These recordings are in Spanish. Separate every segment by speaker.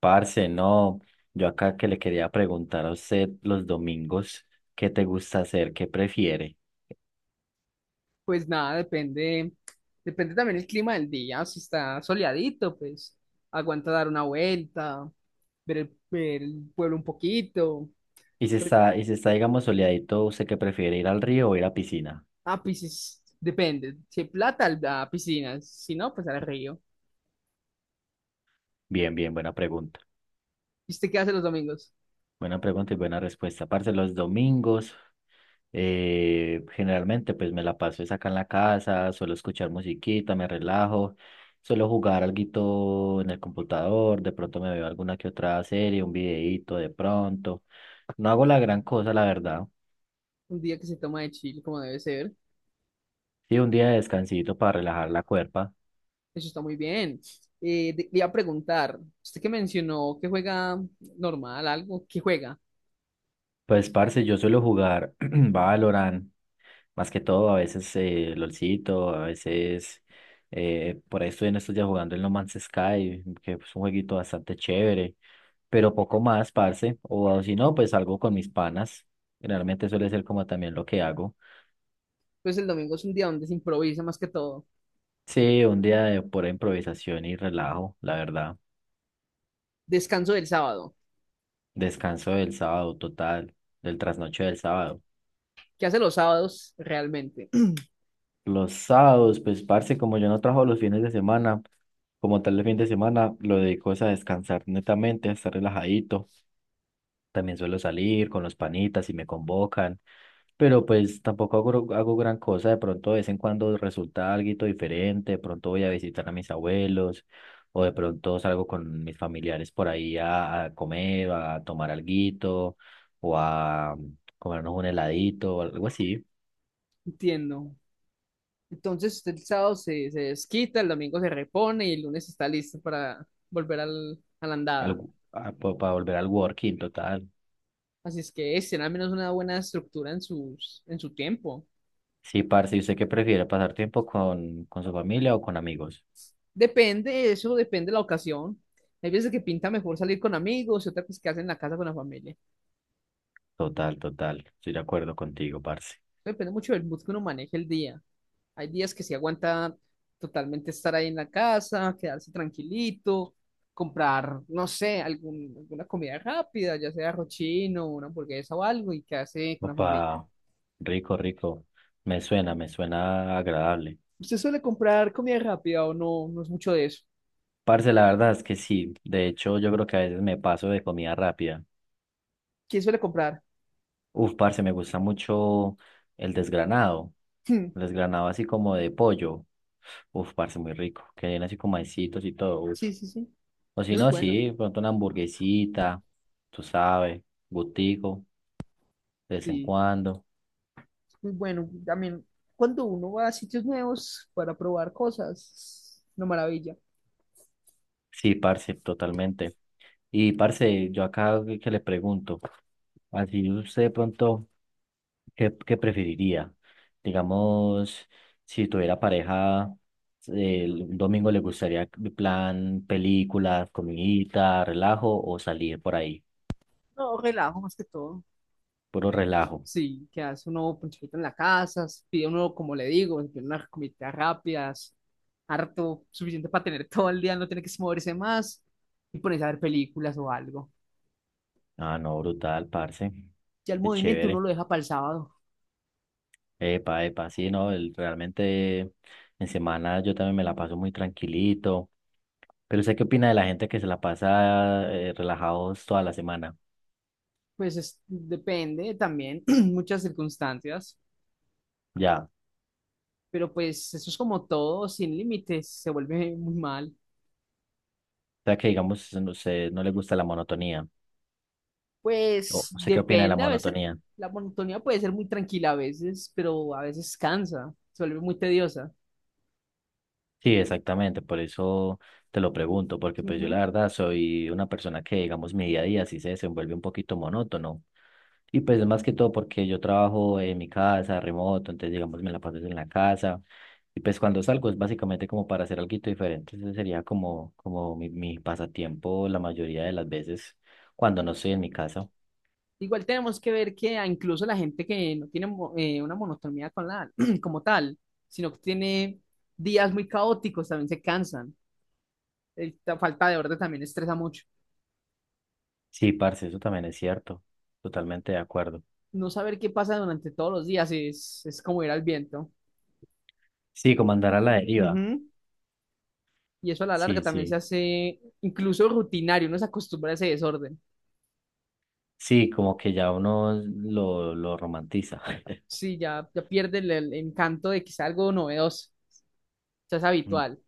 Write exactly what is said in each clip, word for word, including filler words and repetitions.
Speaker 1: Parce, no, yo acá que le quería preguntar a usted los domingos, ¿qué te gusta hacer? ¿Qué prefiere?
Speaker 2: Pues nada, depende, depende también el clima del día. Si está soleadito, pues aguanta dar una vuelta, ver el, ver el pueblo un poquito.
Speaker 1: Y si
Speaker 2: Pero,
Speaker 1: está, y si está, digamos, soleadito, ¿usted qué prefiere, ir al río o ir a piscina?
Speaker 2: ah, piscis depende. Si hay plata, al- a piscinas. Si no, pues al río.
Speaker 1: Bien, bien, buena pregunta.
Speaker 2: ¿Y usted qué hace los domingos?
Speaker 1: Buena pregunta y buena respuesta. Parce, los domingos, eh, generalmente, pues me la paso es acá en la casa, suelo escuchar musiquita, me relajo, suelo jugar alguito en el computador, de pronto me veo alguna que otra serie, un videíto de pronto. No hago la gran cosa, la verdad.
Speaker 2: Un día que se toma de chill, como debe ser.
Speaker 1: Sí, un día de descansito para relajar la cuerpa.
Speaker 2: Eso está muy bien. Eh, de- le iba a preguntar, usted que mencionó que juega normal, algo, ¿qué juega?
Speaker 1: Pues, parce, yo suelo jugar Valorant, más que todo, a veces eh, LOLcito, a veces eh, por ahí estoy en estos días jugando el No Man's Sky, que es un jueguito bastante chévere, pero poco más, parce, o si no, pues algo con mis panas. Generalmente suele ser como también lo que hago.
Speaker 2: Pues el domingo es un día donde se improvisa más que todo.
Speaker 1: Sí, un día de pura improvisación y relajo, la verdad.
Speaker 2: Descanso del sábado.
Speaker 1: Descanso del sábado total, del trasnoche del sábado.
Speaker 2: ¿Qué hace los sábados realmente?
Speaker 1: Los sábados, pues, parce, como yo no trabajo los fines de semana, como tal el fin de semana, lo dedico es a descansar netamente, a estar relajadito. También suelo salir con los panitas si me convocan, pero pues tampoco hago, hago gran cosa. De pronto, de vez en cuando resulta algo diferente. De pronto voy a visitar a mis abuelos, o de pronto salgo con mis familiares por ahí a, a comer, a tomar alguito, o a mm, comernos un heladito, o algo así,
Speaker 2: Entiendo. Entonces usted el sábado se, se desquita, el domingo se repone y el lunes está listo para volver al, a la andada.
Speaker 1: algo, para volver al working total.
Speaker 2: Así es que es tener al menos una buena estructura en, sus, en su tiempo.
Speaker 1: Sí, parce, ¿y usted qué prefiere? ¿Pasar tiempo con, con su familia o con amigos?
Speaker 2: Depende, eso depende de la ocasión. Hay veces que pinta mejor salir con amigos y otras que hacer en la casa con la familia.
Speaker 1: Total, total. Estoy de acuerdo contigo, parce.
Speaker 2: Depende mucho del mood que uno maneje el día. Hay días que se aguanta totalmente estar ahí en la casa, quedarse tranquilito, comprar, no sé, algún, alguna comida rápida, ya sea rochino, una hamburguesa o algo, y quedarse con la familia.
Speaker 1: Opa, rico, rico. Me suena, me suena agradable.
Speaker 2: ¿Usted suele comprar comida rápida o no? No es mucho de eso.
Speaker 1: Parce, la verdad es que sí. De hecho, yo creo que a veces me paso de comida rápida.
Speaker 2: ¿Quién suele comprar?
Speaker 1: Uf, parce, me gusta mucho el desgranado.
Speaker 2: Hmm.
Speaker 1: El desgranado así como de pollo. Uf, parce, muy rico. Que viene así con maicitos y todo. Uf.
Speaker 2: Sí, sí, sí.
Speaker 1: O si
Speaker 2: Eso es
Speaker 1: no,
Speaker 2: bueno.
Speaker 1: sí, pronto una hamburguesita, tú sabes, gustico de vez en
Speaker 2: Sí,
Speaker 1: cuando.
Speaker 2: es muy bueno. También cuando uno va a sitios nuevos para probar cosas, una maravilla.
Speaker 1: Sí, parce, totalmente. Y parce, yo acá que que le pregunto, así usted de pronto, ¿qué, qué preferiría? Digamos, si tuviera pareja, el un domingo le gustaría de plan películas, comidita, relajo o salir por ahí,
Speaker 2: No, relajo más que todo.
Speaker 1: puro relajo.
Speaker 2: Sí, que hace un nuevo ponchadito en la casa, s- pide uno, como le digo, pide unas comidas rápidas, harto, suficiente para tener todo el día, no tiene que moverse más y ponerse a ver películas o algo.
Speaker 1: Ah, no, brutal, parce.
Speaker 2: Ya el
Speaker 1: Qué
Speaker 2: movimiento uno
Speaker 1: chévere.
Speaker 2: lo deja para el sábado,
Speaker 1: Epa, epa, sí, no, el- realmente en semana yo también me la paso muy tranquilito. Pero sé qué opina de la gente que se la pasa eh, relajados toda la semana.
Speaker 2: pues es- depende también, muchas circunstancias,
Speaker 1: Ya. O
Speaker 2: pero pues eso es como todo, sin límites, se vuelve muy mal.
Speaker 1: sea que digamos, no sé, no le gusta la monotonía. O
Speaker 2: Pues
Speaker 1: sé qué opina de la
Speaker 2: depende, a veces
Speaker 1: monotonía.
Speaker 2: la monotonía puede ser muy tranquila a veces, pero a veces cansa, se vuelve muy tediosa.
Speaker 1: Sí, exactamente, por eso te lo pregunto, porque pues yo la
Speaker 2: Ujú.
Speaker 1: verdad soy una persona que, digamos, mi día a día sí se desenvuelve un poquito monótono. Y pues más que todo porque yo trabajo en mi casa, remoto, entonces digamos me la paso en la casa. Y pues cuando salgo es básicamente como para hacer algo diferente. Ese sería como, como mi, mi pasatiempo la mayoría de las veces cuando no estoy en mi casa.
Speaker 2: Igual tenemos que ver que a incluso la gente que no tiene mo- eh, una monotonía con la, como tal, sino que tiene días muy caóticos, también se cansan. Eh, La falta de orden también estresa mucho.
Speaker 1: Sí, parce, eso también es cierto. Totalmente de acuerdo.
Speaker 2: No saber qué pasa durante todos los días es, es como ir al viento.
Speaker 1: Sí, como andar a la deriva.
Speaker 2: Ujú. Y eso a la larga
Speaker 1: Sí,
Speaker 2: también se
Speaker 1: sí.
Speaker 2: hace incluso rutinario, uno se acostumbra a ese desorden.
Speaker 1: Sí, como que ya uno lo, lo romantiza.
Speaker 2: Sí, ya, ya pierde el, el encanto de que sea algo novedoso, ya es
Speaker 1: Mm.
Speaker 2: habitual.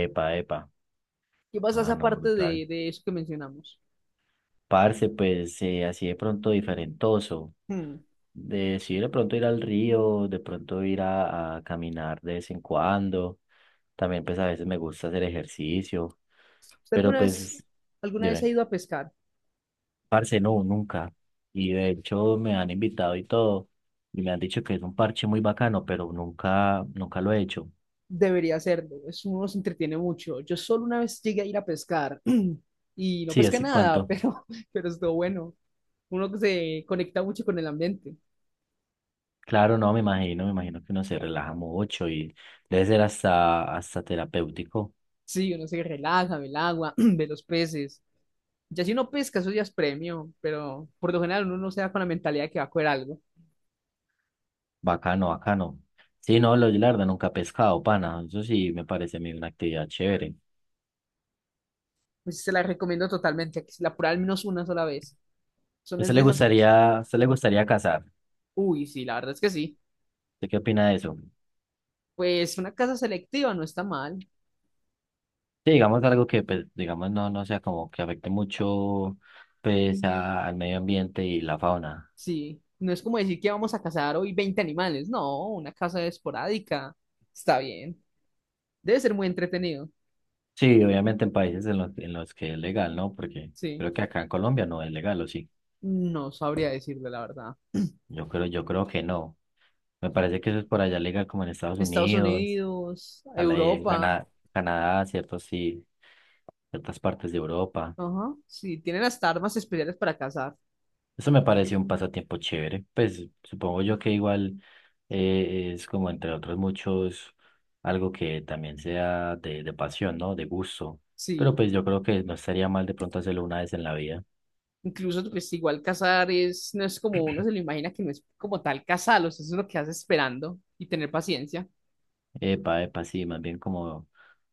Speaker 1: Epa, epa.
Speaker 2: ¿Qué pasa
Speaker 1: Ah,
Speaker 2: esa
Speaker 1: no,
Speaker 2: parte
Speaker 1: brutal.
Speaker 2: de, de eso que mencionamos?
Speaker 1: Parce, pues eh, así de pronto diferentoso.
Speaker 2: Hmm.
Speaker 1: De, sí, de pronto ir al río, de pronto ir a, a caminar de vez en cuando. También pues a veces me gusta hacer ejercicio.
Speaker 2: ¿Usted
Speaker 1: Pero
Speaker 2: alguna vez,
Speaker 1: pues,
Speaker 2: alguna vez ha
Speaker 1: dime,
Speaker 2: ido a pescar?
Speaker 1: parce, no, nunca. Y de hecho me han invitado y todo. Y me han dicho que es un parche muy bacano, pero nunca, nunca lo he hecho.
Speaker 2: Debería hacerlo, es, uno se entretiene mucho. Yo solo una vez llegué a ir a pescar y no
Speaker 1: Sí,
Speaker 2: pesqué
Speaker 1: ¿hace
Speaker 2: nada,
Speaker 1: cuánto?
Speaker 2: pero, pero estuvo bueno. Uno que se conecta mucho con el ambiente.
Speaker 1: Claro, no, me imagino, me imagino que uno se relaja mucho y debe ser hasta, hasta terapéutico.
Speaker 2: Sí, uno se relaja, ve el agua, ve los peces. Ya si uno pesca, eso ya es premio, pero por lo general uno no se da con la mentalidad de que va a coger algo.
Speaker 1: Bacano, bacano. Sí, no, lo, yo la verdad nunca he pescado, pana. Eso sí me parece a mí una actividad chévere.
Speaker 2: Pues se la recomiendo totalmente, que se la pruebe al menos una sola vez.
Speaker 1: ¿A
Speaker 2: Son es
Speaker 1: usted
Speaker 2: de
Speaker 1: le
Speaker 2: esas, pues,
Speaker 1: gustaría, a usted le gustaría cazar?
Speaker 2: uy, sí, la verdad es que sí.
Speaker 1: ¿Usted qué opina de eso?
Speaker 2: Pues una casa selectiva no está mal.
Speaker 1: Sí, digamos algo que, pues, digamos, no, no sea como que afecte mucho, pues, a- al medio ambiente y la fauna.
Speaker 2: Sí, no es como decir que vamos a cazar hoy veinte animales, no, una caza esporádica, está bien, debe ser muy entretenido,
Speaker 1: Sí, obviamente en países en los, en los que es legal, ¿no? Porque
Speaker 2: sí,
Speaker 1: creo que acá en Colombia no es legal, ¿o sí?
Speaker 2: no sabría decirle la verdad.
Speaker 1: Yo creo, yo creo que no. Me parece que eso es por allá legal como en Estados
Speaker 2: Estados
Speaker 1: Unidos,
Speaker 2: Unidos,
Speaker 1: a la, eh,
Speaker 2: Europa,
Speaker 1: Cana- Canadá, ciertos sí, ciertas partes de Europa.
Speaker 2: ajá, sí, tienen hasta armas especiales para cazar,
Speaker 1: Eso me parece un pasatiempo chévere. Pues supongo yo que igual eh, es como entre otros muchos algo que también sea de, de pasión, ¿no? De gusto. Pero
Speaker 2: sí,
Speaker 1: pues yo creo que no estaría mal de pronto hacerlo una vez en la vida.
Speaker 2: incluso pues igual cazar es, no es como uno se lo imagina que no es como tal cazarlos, eso es lo que hace esperando y tener paciencia,
Speaker 1: Epa, epa, sí, más bien como,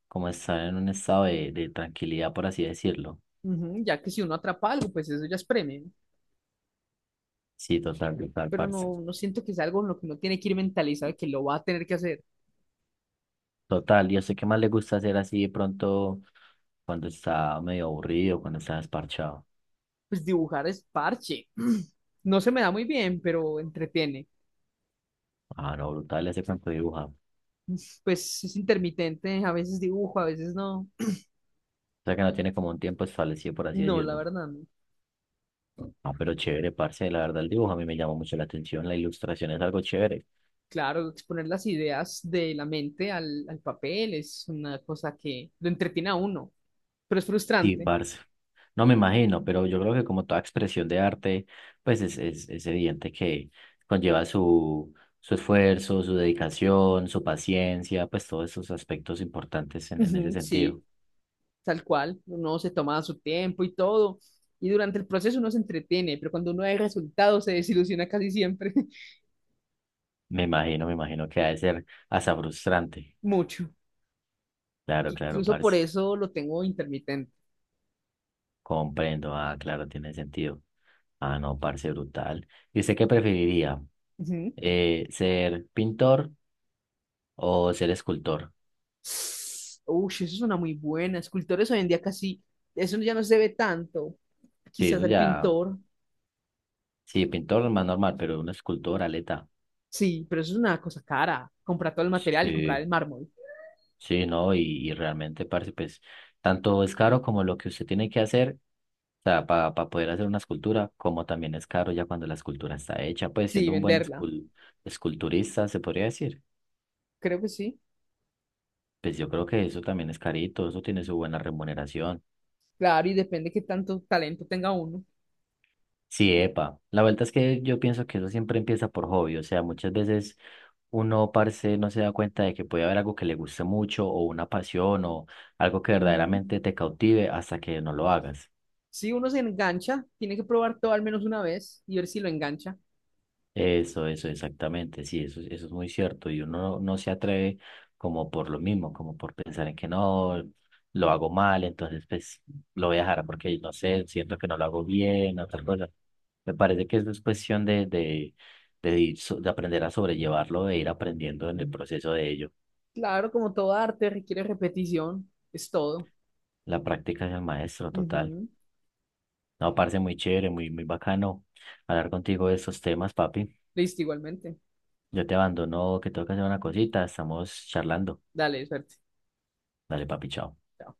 Speaker 1: como estar en un estado de, de tranquilidad, por así decirlo.
Speaker 2: ujú, ya que si uno atrapa algo, pues eso ya es premio,
Speaker 1: Sí, total, total,
Speaker 2: pero
Speaker 1: parce.
Speaker 2: no, no siento que es algo en lo que uno tiene que ir mentalizado de que lo va a tener que hacer.
Speaker 1: Total, yo sé qué más le gusta hacer así de pronto cuando está medio aburrido, cuando está desparchado.
Speaker 2: Pues dibujar es parche. No se me da muy bien, pero entretiene.
Speaker 1: Ah, no, brutal ese campo de dibujar. O
Speaker 2: Pues es intermitente, a veces dibujo, a veces no.
Speaker 1: sea que no tiene como un tiempo establecido, por así
Speaker 2: No, la
Speaker 1: decirlo.
Speaker 2: verdad, no.
Speaker 1: Ah, pero chévere, parce, la verdad el dibujo a mí me llama mucho la atención, la ilustración es algo chévere.
Speaker 2: Claro, exponer las ideas de la mente al, al papel es una cosa que lo entretiene a uno, pero es
Speaker 1: Sí,
Speaker 2: frustrante.
Speaker 1: parce. No me imagino, pero yo creo que como toda expresión de arte, pues es, es, es evidente que conlleva su, su esfuerzo, su dedicación, su paciencia, pues todos esos aspectos importantes en, en ese
Speaker 2: Ujú.
Speaker 1: sentido.
Speaker 2: Sí, tal cual, uno se toma su tiempo y todo, y durante el proceso uno se entretiene, pero cuando uno ve resultados se desilusiona casi siempre.
Speaker 1: Me imagino, me imagino que ha de ser hasta frustrante.
Speaker 2: Mucho.
Speaker 1: Claro, claro,
Speaker 2: Incluso por
Speaker 1: parce.
Speaker 2: eso lo tengo intermitente.
Speaker 1: Comprendo. Ah, claro, tiene sentido. Ah, no, parce, brutal. ¿Y usted qué preferiría?
Speaker 2: Ujú.
Speaker 1: Eh, ¿ser pintor o ser escultor?
Speaker 2: Uy, eso es una muy buena. Escultores hoy en día casi, eso ya no se ve tanto.
Speaker 1: Sí,
Speaker 2: Quizás
Speaker 1: eso
Speaker 2: ser
Speaker 1: ya.
Speaker 2: pintor,
Speaker 1: Sí, pintor más normal, pero un escultor, aleta.
Speaker 2: sí, pero eso es una cosa cara. Comprar todo el material y comprar
Speaker 1: Sí.
Speaker 2: el mármol.
Speaker 1: Sí, ¿no? Y, y realmente, parce, pues, tanto es caro como lo que usted tiene que hacer, o sea, para poder hacer una escultura, como también es caro ya cuando la escultura está hecha, pues,
Speaker 2: Sí,
Speaker 1: siendo un buen
Speaker 2: venderla.
Speaker 1: escul- esculturista, se podría decir.
Speaker 2: Creo que sí.
Speaker 1: Pues yo creo que eso también es carito, eso tiene su buena remuneración.
Speaker 2: Claro, y depende qué tanto talento tenga uno.
Speaker 1: Sí, epa. La vuelta es que yo pienso que eso siempre empieza por hobby, o sea, muchas veces uno, parce, no se da cuenta de que puede haber algo que le guste mucho o una pasión o algo que
Speaker 2: Ujú.
Speaker 1: verdaderamente te cautive hasta que no lo hagas.
Speaker 2: Si uno se engancha, tiene que probar todo al menos una vez y ver si lo engancha.
Speaker 1: Eso, eso, exactamente, sí, eso, eso es muy cierto. Y uno no, no se atreve como por lo mismo, como por pensar en que no, lo hago mal, entonces pues lo voy a dejar porque no sé, siento que no lo hago bien, otra cosa. Me parece que eso es cuestión de, de, de, ir so- de aprender a sobrellevarlo, de ir aprendiendo en el proceso de ello.
Speaker 2: Claro, como todo arte requiere repetición, es todo.
Speaker 1: La práctica es el maestro, total.
Speaker 2: Ujú.
Speaker 1: No, parce, muy chévere, muy, muy bacano hablar contigo de estos temas, papi.
Speaker 2: Listo, igualmente.
Speaker 1: Yo te abandono, que tengo que hacer una cosita, estamos charlando.
Speaker 2: Dale, suerte.
Speaker 1: Dale, papi, chao.
Speaker 2: Chao.